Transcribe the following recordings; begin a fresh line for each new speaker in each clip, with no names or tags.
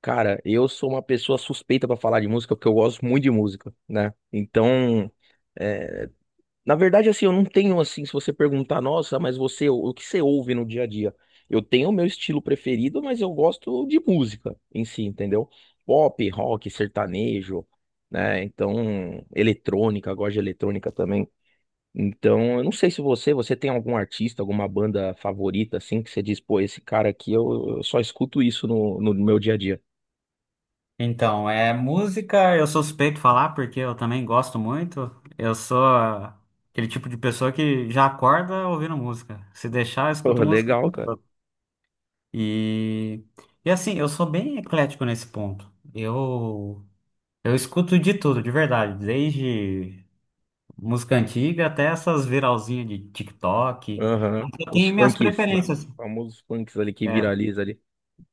Cara, eu sou uma pessoa suspeita pra falar de música, porque eu gosto muito de música, né? Então, é, na verdade, assim, eu não tenho, assim, se você perguntar, nossa, mas você, o que você ouve no dia a dia? Eu tenho o meu estilo preferido, mas eu gosto de música em si, entendeu? Pop, rock, sertanejo, né? Então, eletrônica, eu gosto de eletrônica também. Então, eu não sei se você, você tem algum artista, alguma banda favorita, assim, que você diz, pô, esse cara aqui, eu só escuto isso no meu dia a dia.
Então, é música, eu sou suspeito de falar porque eu também gosto muito. Eu sou aquele tipo de pessoa que já acorda ouvindo música. Se deixar, eu
Pô,
escuto música o
legal,
tempo
cara.
todo. E, e assim, eu sou bem eclético nesse ponto. Eu escuto de tudo, de verdade, desde música antiga até essas viralzinhas de TikTok. Mas
Aham.
eu
Os
tenho minhas
funks, né?
preferências.
Os famosos funks ali que
É,
viraliza ali.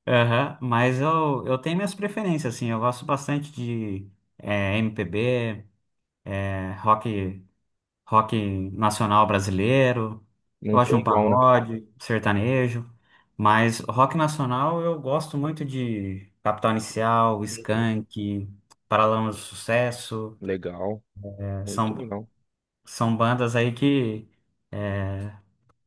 aham, mas eu tenho minhas preferências, assim, eu gosto bastante de MPB. É, rock rock nacional brasileiro,
Não
gosto de
tem
um
igual, né?
pagode, sertanejo, mas rock nacional eu gosto muito de Capital Inicial,
Beleza.
Skank, Paralamas do Sucesso,
Legal. Muito
são,
legal.
bandas aí que é,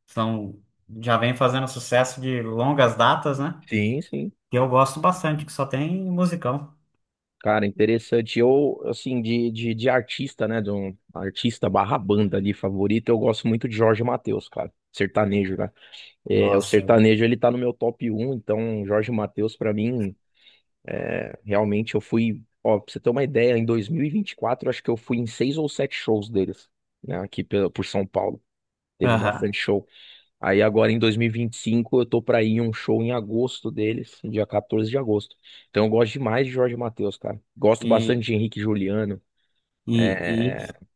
são, já vem fazendo sucesso de longas datas, né?
Sim, sim.
Que eu gosto bastante, que só tem musicão.
Cara, interessante. Eu, assim, de artista, né? De um artista barra banda ali favorito, eu gosto muito de Jorge Mateus, cara. Sertanejo, né? É, o
Nossa.
sertanejo, ele tá no meu top um, então Jorge Mateus, pra mim, realmente eu fui. Ó, pra você ter uma ideia, em 2024, eu acho que eu fui em seis ou sete shows deles, né? Aqui por São Paulo. Teve
Aham.
bastante show. Aí agora em 2025 eu tô pra ir em um show em agosto deles, dia 14 de agosto. Então eu gosto demais de Jorge Mateus, cara. Gosto
E,
bastante de Henrique e Juliano,
e, e...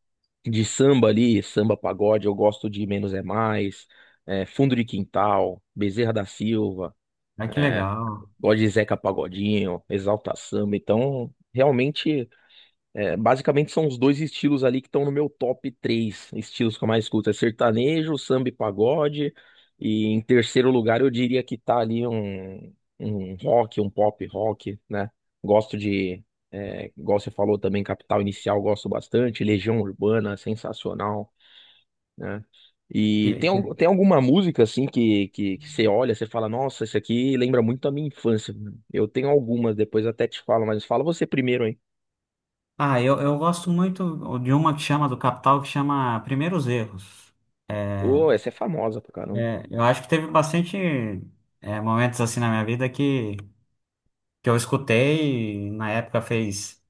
de samba ali, samba pagode, eu gosto de Menos é Mais, Fundo de Quintal, Bezerra da Silva,
Ah, que
é,
legal.
gosto de Zeca Pagodinho, Exalta Samba. Então, realmente. É, basicamente são os dois estilos ali que estão no meu top 3 estilos que eu mais escuto. É sertanejo, samba e pagode. E em terceiro lugar eu diria que tá ali um rock, um pop rock, né? Gosto de, igual você falou também, Capital Inicial, gosto bastante. Legião Urbana, sensacional, né?
Que
E
le-
tem alguma música assim que você olha, você fala, nossa, isso aqui lembra muito a minha infância. Eu tenho algumas, depois até te falo, mas fala você primeiro, hein?
Ah, eu gosto muito de uma que chama do Capital, que chama Primeiros Erros. É,
Ô, essa é famosa pra caramba.
eu acho que teve bastante momentos assim na minha vida que eu escutei e na época fez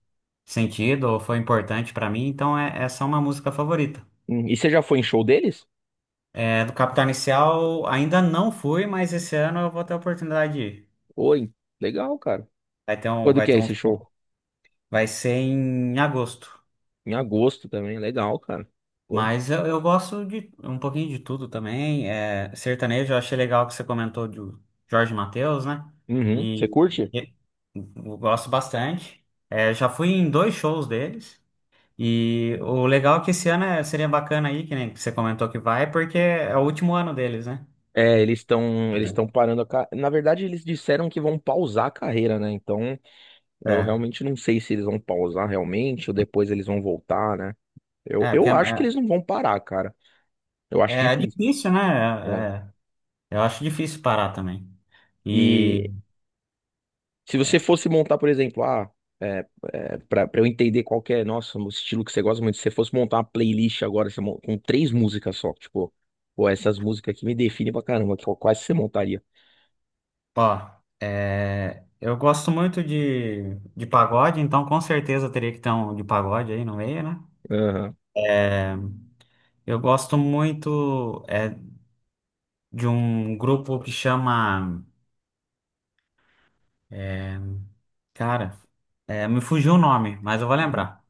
sentido ou foi importante pra mim, então essa é uma música favorita.
E você já foi em show deles?
É, do Capital Inicial ainda não fui, mas esse ano eu vou ter a oportunidade de ir.
Oi, legal, cara. Quando
Vai
que é
ter um
esse
show.
show?
Vai ser em agosto.
Em agosto também, legal, cara. Pô.
Mas eu gosto de um pouquinho de tudo também. É, sertanejo, eu achei legal que você comentou do Jorge Mateus, né?
Uhum, você
E,
curte?
e- eu gosto bastante. É, já fui em dois shows deles. E o legal é que esse ano seria bacana aí, que nem você comentou que vai, porque é o último ano deles, né?
É, eles estão parando a ca... Na verdade, eles disseram que vão pausar a carreira, né? Então, eu
É,
realmente não sei se eles vão pausar realmente ou depois eles vão voltar, né?
porque
Eu acho que eles não vão parar, cara. Eu acho
é
difícil,
difícil, né?
né?
Eu acho difícil parar também. E
E se você fosse montar, por exemplo, é, para eu entender qual que é, nossa, o estilo que você gosta muito, se você fosse montar uma playlist agora você com três músicas só, tipo, pô, essas músicas aqui me definem pra caramba, quais você montaria?
ó, eu gosto muito de pagode, então com certeza teria que ter um de pagode aí no meio, né?
Aham.
Eu gosto muito de um grupo que chama. Cara, me fugiu o nome, mas eu vou
Uhum.
lembrar.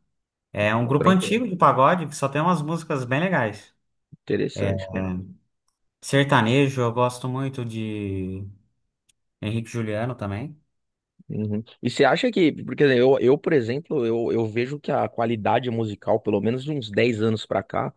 É um
Não,
grupo
tranquilo.
antigo de pagode que só tem umas músicas bem legais.
Interessante, mano.
Sertanejo, eu gosto muito de Henrique Juliano também.
Uhum. E você acha que, porque assim, eu, por exemplo, eu vejo que a qualidade musical, pelo menos de uns 10 anos pra cá,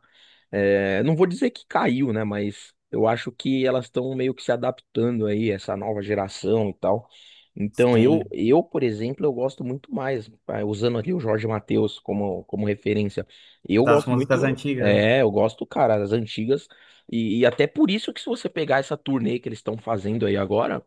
é, não vou dizer que caiu, né? Mas eu acho que elas estão meio que se adaptando aí, essa nova geração e tal. Então, eu,
Sim,
eu, por exemplo, eu gosto muito mais, usando ali o Jorge Mateus como, como referência. Eu
das
gosto
músicas
muito,
antigas, né?
eu gosto, cara, das antigas. E até por isso que se você pegar essa turnê que eles estão fazendo aí agora,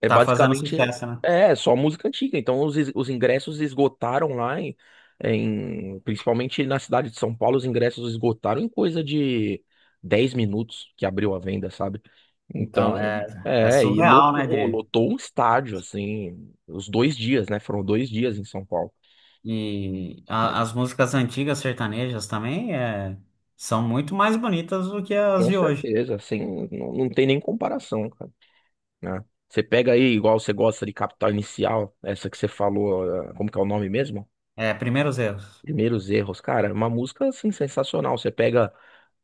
é
Tá fazendo
basicamente
sucesso, né?
só música antiga. Então os ingressos esgotaram lá principalmente na cidade de São Paulo, os ingressos esgotaram em coisa de 10 minutos que abriu a venda, sabe? Então,
Então, é
e
surreal, né?
lotou, lotou um estádio assim, os 2 dias, né? Foram 2 dias em São Paulo.
E as músicas antigas sertanejas também são muito mais bonitas do que as
Com
de hoje.
certeza, assim, não, não tem nem comparação, cara, né? Você pega aí, igual você gosta de Capital Inicial, essa que você falou, como que é o nome mesmo?
É, Primeiros Erros,
Primeiros Erros, cara, é uma música assim sensacional. Você pega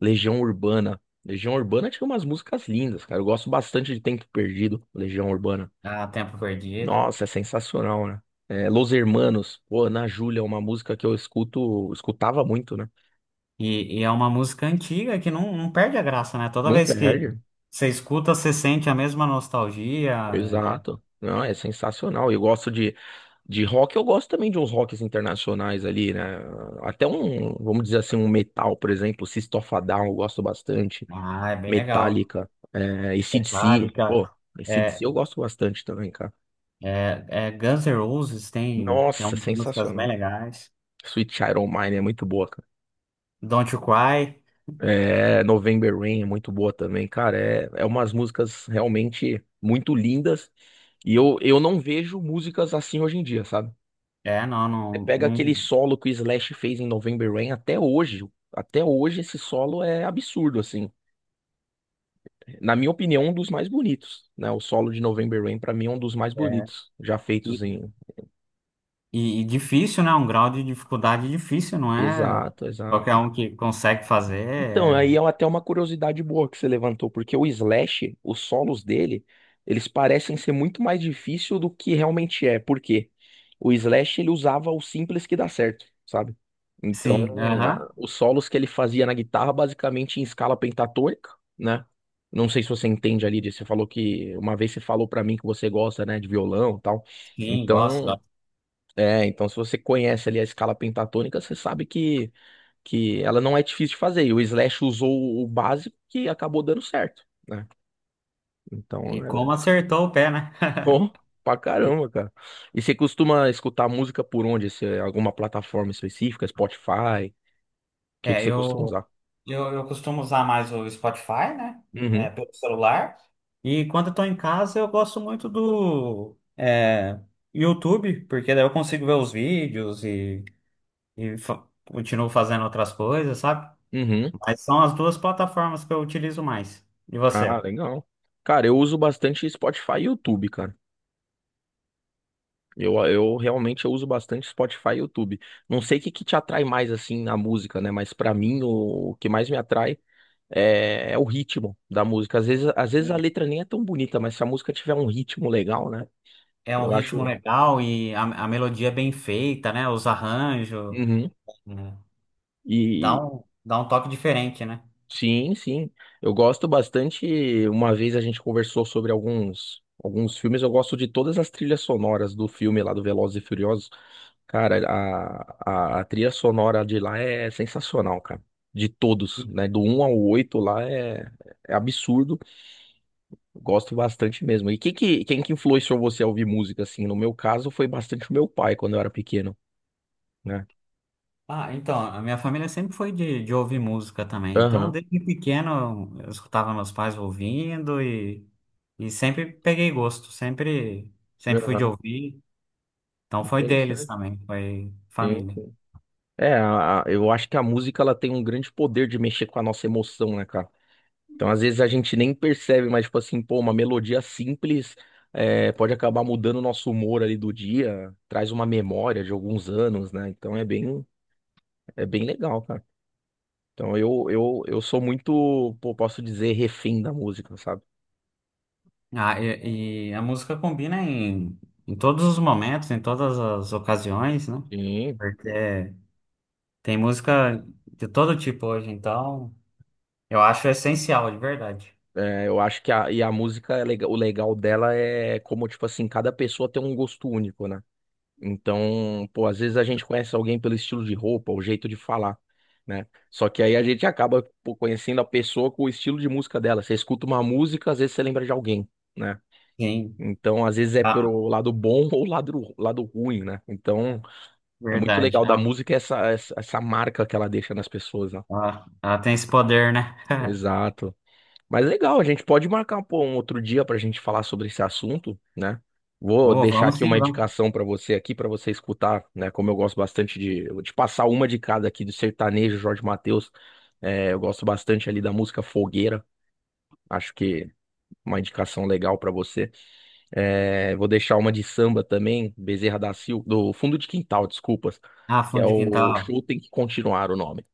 Legião Urbana. Legião Urbana tinha umas músicas lindas, cara. Eu gosto bastante de Tempo Perdido, Legião Urbana.
Há Tempo Perdido.
Nossa, é sensacional, né? É, Los Hermanos, pô, Ana Júlia, é uma música que eu escuto, escutava muito, né?
E é uma música antiga que não, não perde a graça, né? Toda
Não
vez que
perde.
você escuta, você sente a mesma nostalgia. é-
Exato. Não, é sensacional. Eu gosto de rock, eu gosto também de uns rocks internacionais ali, né? Até um, vamos dizer assim, um metal, por exemplo, System of a Down, eu gosto bastante.
ah, é bem legal.
Metallica, AC/DC.
Metallica.
Pô,
É,
AC/DC eu gosto bastante também, cara.
é Guns N' Roses tem
Nossa,
umas músicas bem
sensacional.
legais.
Sweet Child O' Mine é muito boa, cara.
Don't You Cry.
É, November Rain é muito boa também, cara. É umas músicas realmente muito lindas. E eu não vejo músicas assim hoje em dia, sabe?
É, não,
Você pega aquele
não,
solo que o Slash fez em November Rain até hoje. Até hoje esse solo é absurdo, assim. Na minha opinião, um dos mais bonitos, né? O solo de November Rain, pra mim, é um dos mais bonitos já feitos
não-
em.
e difícil, né? Um grau de dificuldade difícil, não é
Exato,
qualquer
exato.
um que consegue fazer.
Então, aí é
é-
até uma curiosidade boa que você levantou, porque o Slash, os solos dele, eles parecem ser muito mais difícil do que realmente é. Por quê? O Slash, ele usava o simples que dá certo, sabe? Então,
Sim, aham.
os solos que ele fazia na guitarra, basicamente em escala pentatônica, né? Não sei se você entende ali, disso, você falou que uma vez você falou pra mim que você gosta, né, de violão e tal.
Sim, gosto,
Então,
gosto.
é, então se você conhece ali a escala pentatônica, você sabe que ela não é difícil de fazer. E o Slash usou o básico que acabou dando certo, né?
E
Então,
como acertou o pé, né?
oh, pra
E-
caramba, cara. E você costuma escutar música por onde? Se é alguma plataforma específica, Spotify? O que que
É,
você costuma usar?
eu costumo usar mais o Spotify, né?
Uhum,
É, pelo celular. E quando eu tô em casa, eu gosto muito do YouTube, porque daí eu consigo ver os vídeos e, continuo fazendo outras coisas, sabe?
uhum.
Mas são as duas plataformas que eu utilizo mais. E
Ah,
você?
legal. Cara, eu uso bastante Spotify e YouTube, cara. Eu realmente eu uso bastante Spotify e YouTube. Não sei o que que te atrai mais assim na música, né? Mas pra mim o que mais me atrai é o ritmo da música. Às vezes a letra nem é tão bonita, mas se a música tiver um ritmo legal, né?
É um
Eu
ritmo
acho.
legal e a melodia é bem feita, né? Os arranjos,
Uhum.
né?
E
Dá um toque diferente, né?
sim, sim. Eu gosto bastante. Uma vez a gente conversou sobre alguns filmes. Eu gosto de todas as trilhas sonoras do filme lá do Velozes e Furiosos. Cara, a trilha sonora de lá é sensacional, cara. De todos,
E-
né? Do um ao 8 lá é absurdo. Gosto bastante mesmo. E quem que influenciou você a ouvir música, assim? No meu caso, foi bastante o meu pai quando eu era pequeno, né?
Ah, então, a minha família sempre foi de ouvir música também. Então,
Aham,
desde pequeno, eu escutava meus pais ouvindo e sempre peguei gosto, sempre, sempre fui de
aham.
ouvir. Então, foi deles
Interessante.
também, foi
Sim.
família.
É, eu acho que a música ela tem um grande poder de mexer com a nossa emoção, né, cara? Então, às vezes a gente nem percebe, mas, tipo assim, pô, uma melodia simples pode acabar mudando o nosso humor ali do dia, traz uma memória de alguns anos, né? Então é bem legal, cara. Então eu sou muito, pô, posso dizer, refém da música, sabe?
Ah, e a música combina em, em todos os momentos, em todas as ocasiões, né?
Sim,
Porque tem música de todo tipo hoje, então eu acho essencial, de verdade.
é, eu acho que e a música, o legal dela é como, tipo assim, cada pessoa tem um gosto único, né? Então, pô, às vezes a gente conhece alguém pelo estilo de roupa, o jeito de falar, né? Só que aí a gente acaba, pô, conhecendo a pessoa com o estilo de música dela. Você escuta uma música, às vezes você lembra de alguém, né?
Sim,
Então, às vezes é
ah,
pelo lado bom ou lado ruim, né? Então, é muito
verdade.
legal da
Ah,
música essa, marca que ela deixa nas pessoas, né?
ah, ela tem esse poder, né?
Exato. Mas legal, a gente pode marcar pô, um outro dia para a gente falar sobre esse assunto, né? Vou
Oh,
deixar
vamos
aqui uma
sim, vamos.
indicação para você aqui, para você escutar, né? Como eu gosto bastante de passar uma de cada aqui do sertanejo, Jorge Mateus. É, eu gosto bastante ali da música Fogueira. Acho que uma indicação legal para você. É, vou deixar uma de samba também, Bezerra da Silva, do Fundo de Quintal, desculpas,
Ah,
que é
fundo de
o
quintal.
Show Tem Que Continuar o nome.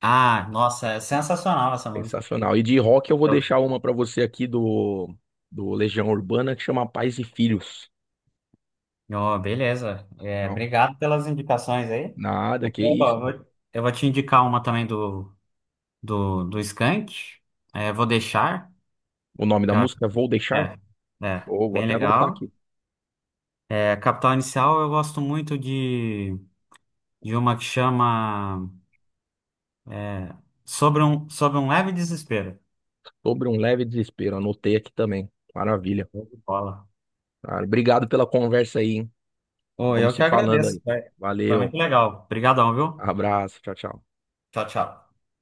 Ah, nossa, é sensacional essa música.
Sensacional. E de rock eu vou deixar
Eu-
uma pra você aqui do, do Legião Urbana que chama Pais e Filhos.
Oh, beleza. É,
Não,
obrigado pelas indicações aí.
nada,
Eu
que
vou,
isso.
vou- eu vou te indicar uma também do Skank. É, vou deixar.
O nome da
que eu acho-
música é Vou Deixar?
É, é,
Ou vou
bem
até anotar
legal.
aqui.
É, Capital Inicial eu gosto muito de. De uma que chama é, Sobre um Leve Desespero.
Sobre um leve desespero. Anotei aqui também. Maravilha.
Show de Bola.
Cara, obrigado pela conversa aí, hein?
Oh,
Vamos
eu
se
que
falando
agradeço.
aí.
Foi, foi
Valeu.
muito legal. Obrigadão, viu?
Abraço. Tchau, tchau.
Tchau, tchau.